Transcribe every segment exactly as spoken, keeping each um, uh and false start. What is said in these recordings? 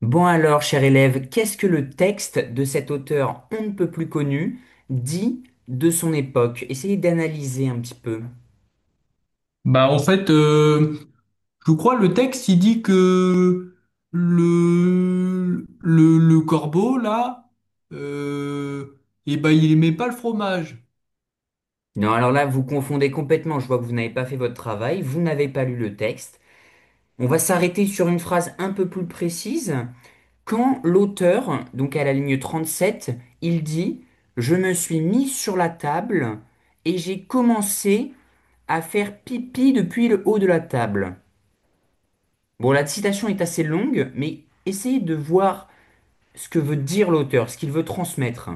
Bon alors, cher élève, qu'est-ce que le texte de cet auteur on ne peut plus connu dit de son époque? Essayez d'analyser un petit peu. Bah en fait, euh, je crois le texte il dit que le le, le corbeau là, euh, eh ben il aimait pas le fromage. Non, alors là, vous confondez complètement. Je vois que vous n'avez pas fait votre travail, vous n'avez pas lu le texte. On va s'arrêter sur une phrase un peu plus précise. Quand l'auteur, donc à la ligne trente-sept, il dit, Je me suis mis sur la table et j'ai commencé à faire pipi depuis le haut de la table. Bon, la citation est assez longue, mais essayez de voir ce que veut dire l'auteur, ce qu'il veut transmettre.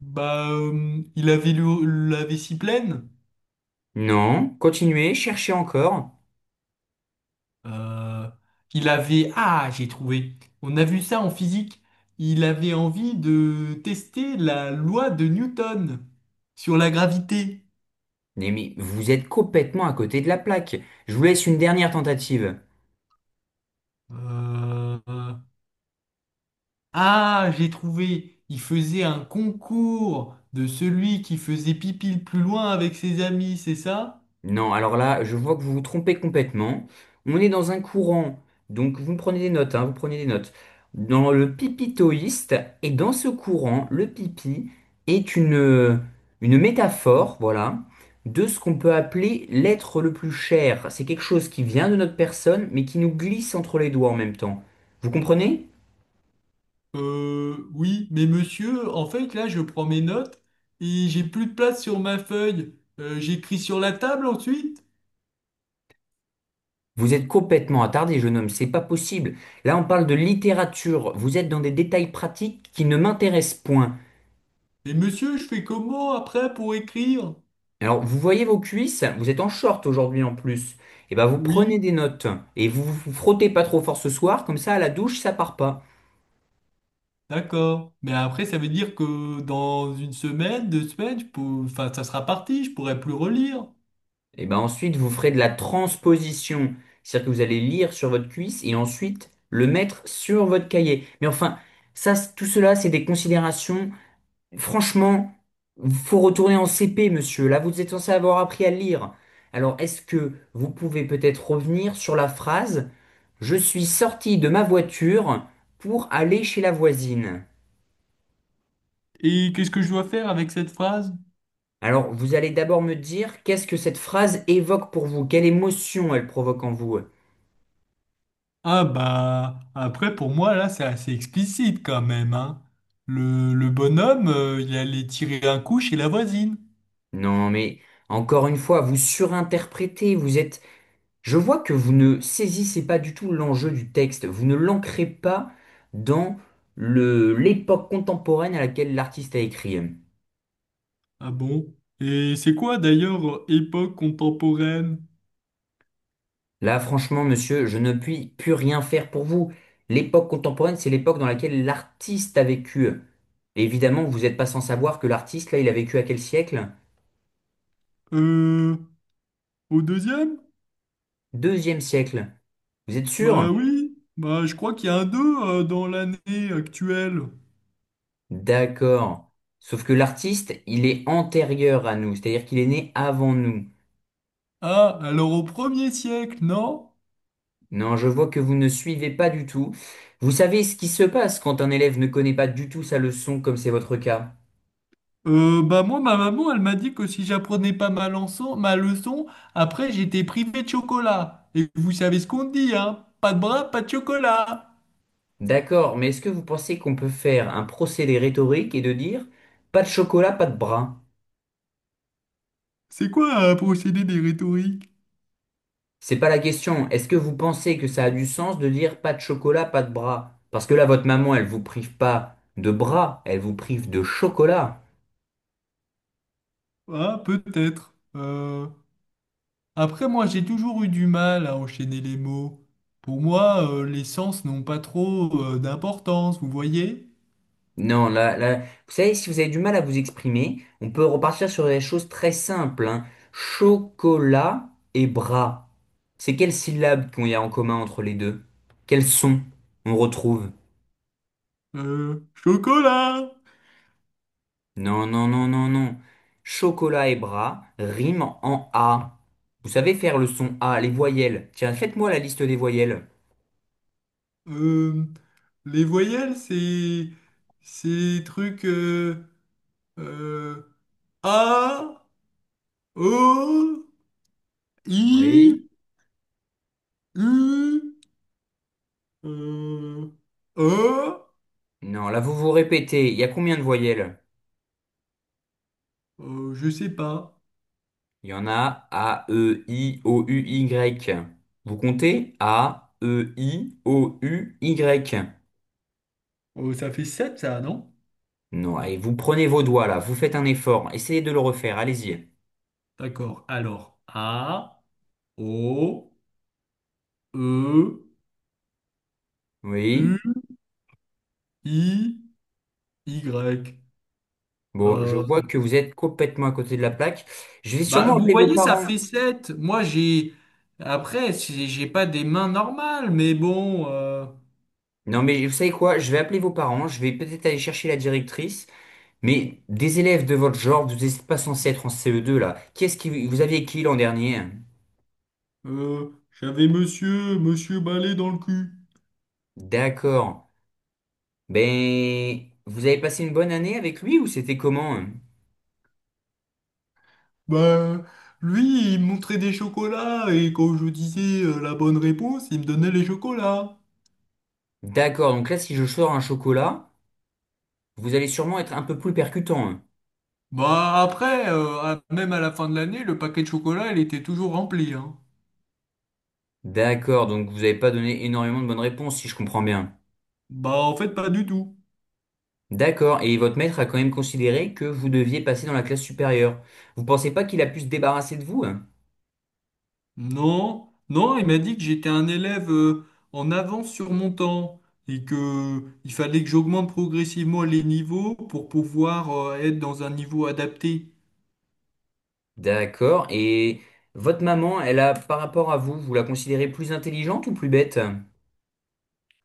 Bah euh, il avait le- la vessie pleine. Non, continuez, cherchez encore. Euh, il avait ah j'ai trouvé. On a vu ça en physique. Il avait envie de tester la loi de Newton sur la gravité. Mais, mais vous êtes complètement à côté de la plaque. Je vous laisse une dernière tentative. Euh, Ah, j'ai trouvé. Il faisait un concours de celui qui faisait pipi le plus loin avec ses amis, c'est ça? Non, alors là, je vois que vous vous trompez complètement. On est dans un courant, donc vous me prenez des notes, hein, vous prenez des notes. Dans le pipitoïste, et dans ce courant, le pipi est une, euh, une métaphore, voilà, de ce qu'on peut appeler l'être le plus cher. C'est quelque chose qui vient de notre personne, mais qui nous glisse entre les doigts en même temps. Vous comprenez? Euh, oui, mais monsieur, en fait, là, je prends mes notes et j'ai plus de place sur ma feuille. Euh, j'écris sur la table ensuite. Vous êtes complètement attardé, jeune homme, c'est pas possible. Là, on parle de littérature, vous êtes dans des détails pratiques qui ne m'intéressent point. Mais monsieur, je fais comment après pour écrire? Alors, vous voyez vos cuisses, vous êtes en short aujourd'hui en plus. Et ben, vous prenez Oui, des notes et vous vous frottez pas trop fort ce soir, comme ça à la douche ça part pas. d'accord. Mais après, ça veut dire que dans une semaine, deux semaines, je peux- enfin, ça sera parti, je pourrai plus relire. Et ben ensuite vous ferez de la transposition, c'est-à-dire que vous allez lire sur votre cuisse et ensuite le mettre sur votre cahier. Mais enfin, ça, c- tout cela c'est des considérations. Franchement, faut retourner en C P, monsieur. Là, vous êtes censé avoir appris à lire. Alors, est-ce que vous pouvez peut-être revenir sur la phrase Je suis sorti de ma voiture pour aller chez la voisine. Et qu'est-ce que je dois faire avec cette phrase? Alors, vous allez d'abord me dire qu'est-ce que cette phrase évoque pour vous, quelle émotion elle provoque en vous. Ah bah après pour moi là c'est assez explicite quand même hein. Le, le bonhomme euh, il allait tirer un coup chez la voisine. Non, mais encore une fois, vous surinterprétez, vous êtes. Je vois que vous ne saisissez pas du tout l'enjeu du texte, vous ne l'ancrez pas dans le, l'époque contemporaine à laquelle l'artiste a écrit. Ah bon? Et c'est quoi d'ailleurs euh, époque contemporaine? Là, franchement, monsieur, je ne puis plus rien faire pour vous. L'époque contemporaine, c'est l'époque dans laquelle l'artiste a vécu. Évidemment, vous n'êtes pas sans savoir que l'artiste, là, il a vécu à quel siècle? Euh Au deuxième? Deuxième siècle. Vous êtes sûr? Bah oui, bah je crois qu'il y a un deux euh, dans l'année actuelle. D'accord. Sauf que l'artiste, il est antérieur à nous, c'est-à-dire qu'il est né avant nous. Ah alors au premier siècle, non? Non, je vois que vous ne suivez pas du tout. Vous savez ce qui se passe quand un élève ne connaît pas du tout sa leçon, comme c'est votre cas. Euh, bah moi, ma maman, elle m'a dit que si j'apprenais pas ma leçon, ma leçon, après j'étais privé de chocolat. Et vous savez ce qu'on dit, hein? Pas de bras, pas de chocolat. D'accord, mais est-ce que vous pensez qu'on peut faire un procédé rhétorique et de dire pas de chocolat, pas de bras? C'est quoi un procédé des rhétoriques? C'est pas la question. Est-ce que vous pensez que ça a du sens de dire pas de chocolat, pas de bras? Parce que là, votre maman, elle vous prive pas de bras, elle vous prive de chocolat. Ah, peut-être. Euh, Après, moi, j'ai toujours eu du mal à enchaîner les mots. Pour moi, euh, les sens n'ont pas trop euh, d'importance, vous voyez? Non, là, là, vous savez, si vous avez du mal à vous exprimer, on peut repartir sur des choses très simples, hein. Chocolat et bras. C'est quelles syllabes qu'il y a en commun entre les deux? Quels sons on retrouve? Euh, chocolat! Non, non, non, non, non. Chocolat et bras riment en A. Vous savez faire le son A, les voyelles. Tiens, faites-moi la liste des voyelles. Euh, les voyelles, c'est... C'est truc... euh, euh, A, O, I, Oui. U, euh, E, Non, là, vous vous répétez. Il y a combien de voyelles? euh, je sais pas. Il y en a A, E, I, O, U, Y. Vous comptez A, E, I, O, U, Y. Oh, ça fait sept ça, non? Non, et vous prenez vos doigts là, vous faites un effort, essayez de le refaire, allez-y. D'accord. Alors, A, O, E, Oui. U, I, Y. Bon, je Euh, vois que vous êtes complètement à côté de la plaque. Je vais Bah, sûrement vous appeler vos voyez, ça parents. fait sept. Moi, j'ai. Après, j'ai j'ai pas des mains normales, mais bon. euh, Non, mais vous savez quoi? Je vais appeler vos parents, je vais peut-être aller chercher la directrice. Mais des élèves de votre genre, vous n'êtes pas censés être en C E deux là. Qu'est-ce qui vous aviez qui l'an dernier? euh, J'avais monsieur, monsieur Balai dans le cul. D'accord. Ben, vous avez passé une bonne année avec lui ou c'était comment? Hein. Bah, lui, il me montrait des chocolats et quand je disais euh, la bonne réponse, il me donnait les chocolats. D'accord, donc là, si je sors un chocolat, vous allez sûrement être un peu plus percutant. Hein. Bah, après, euh, à- même à la fin de l'année, le paquet de chocolat, il était toujours rempli, hein. D'accord, donc vous n'avez pas donné énormément de bonnes réponses, si je comprends bien. Bah, en fait, pas du tout. D'accord, et votre maître a quand même considéré que vous deviez passer dans la classe supérieure. Vous pensez pas qu'il a pu se débarrasser de vous? Hein. Non, non, il m'a dit que j'étais un élève euh, en avance sur mon temps et que euh, il fallait que j'augmente progressivement les niveaux pour pouvoir euh, être dans un niveau adapté. D'accord, et votre maman, elle a, par rapport à vous, vous la considérez plus intelligente ou plus bête?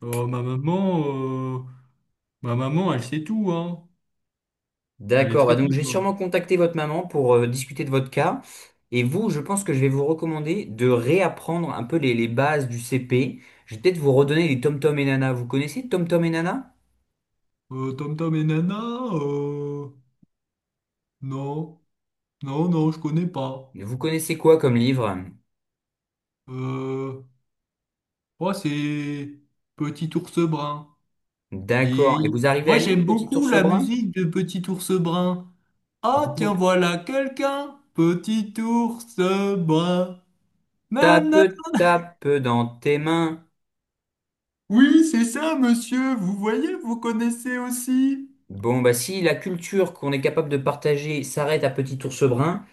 Euh, ma maman, euh, Ma maman, elle sait tout, hein. Elle est D'accord, très bah donc très j'ai forte. sûrement contacté votre maman pour euh, discuter de votre cas. Et vous, je pense que je vais vous recommander de réapprendre un peu les, les bases du C P. Je vais peut-être vous redonner les Tom Tom et Nana. Vous connaissez Tom Tom et Nana? Euh, Tom Tom et Nana, euh, non, non, non, je connais pas. Vous connaissez quoi comme livre? Euh, Moi, c'est Petit Ours Brun. D'accord. Et Et vous arrivez moi, à lire, j'aime petit beaucoup ours la brun? musique de Petit Ours Brun. Vous Ah, tiens, pouvez... voilà quelqu'un. Petit Ours Brun. Nana. Tape, tape dans tes mains. Oui, c'est ça, monsieur. Vous voyez, vous connaissez aussi. Bon, bah si la culture qu'on est capable de partager s'arrête à petit ours brun,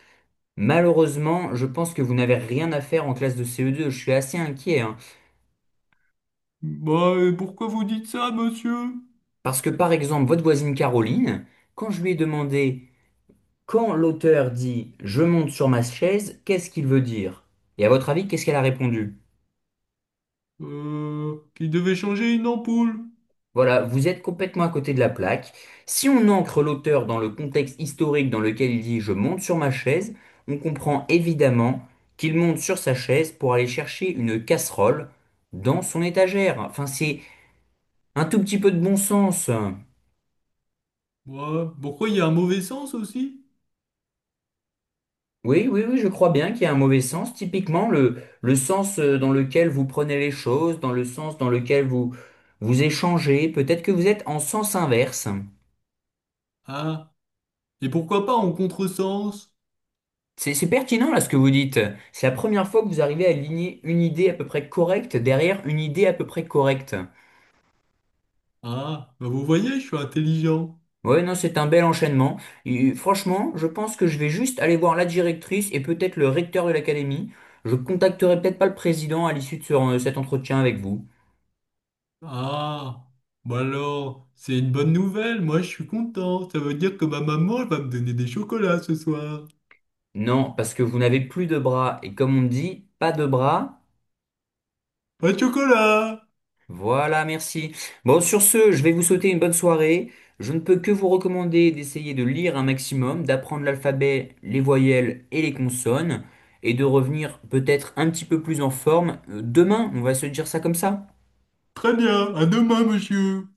malheureusement, je pense que vous n'avez rien à faire en classe de C E deux. Je suis assez inquiet, hein. Bah, et pourquoi vous dites ça, monsieur? Parce que par exemple, votre voisine Caroline, quand je lui ai demandé quand l'auteur dit je monte sur ma chaise, qu'est-ce qu'il veut dire? Et à votre avis, qu'est-ce qu'elle a répondu? Euh, qui devait changer une ampoule. Voilà, vous êtes complètement à côté de la plaque. Si on ancre l'auteur dans le contexte historique dans lequel il dit je monte sur ma chaise, on comprend évidemment qu'il monte sur sa chaise pour aller chercher une casserole dans son étagère. Enfin, c'est un tout petit peu de bon sens. Ouais. Pourquoi il y a un mauvais sens aussi? Oui, oui, oui, je crois bien qu'il y a un mauvais sens. Typiquement, le, le sens euh, dans lequel vous prenez les choses, dans le sens dans lequel vous vous échangez, peut-être que vous êtes en sens inverse. Ah, et pourquoi pas en contresens? C'est, c'est pertinent là ce que vous dites. C'est la première fois que vous arrivez à aligner une idée à peu près correcte derrière une idée à peu près correcte. Ah, bah vous voyez, je suis intelligent. Ouais, non, c'est un bel enchaînement. Et, euh, franchement, je pense que je vais juste aller voir la directrice et peut-être le recteur de l'académie. Je contacterai peut-être pas le président à l'issue de ce- euh, cet entretien avec vous. Ah, bah alors, c'est une bonne nouvelle, moi je suis content. Ça veut dire que ma maman elle va me donner des chocolats ce soir. Non, parce que vous n'avez plus de bras. Et comme on dit, pas de bras. Pas de chocolat! Voilà, merci. Bon, sur ce, je vais vous souhaiter une bonne soirée. Je ne peux que vous recommander d'essayer de lire un maximum, d'apprendre l'alphabet, les voyelles et les consonnes, et de revenir peut-être un petit peu plus en forme. Euh, Demain, on va se dire ça comme ça. Très bien, à demain, monsieur.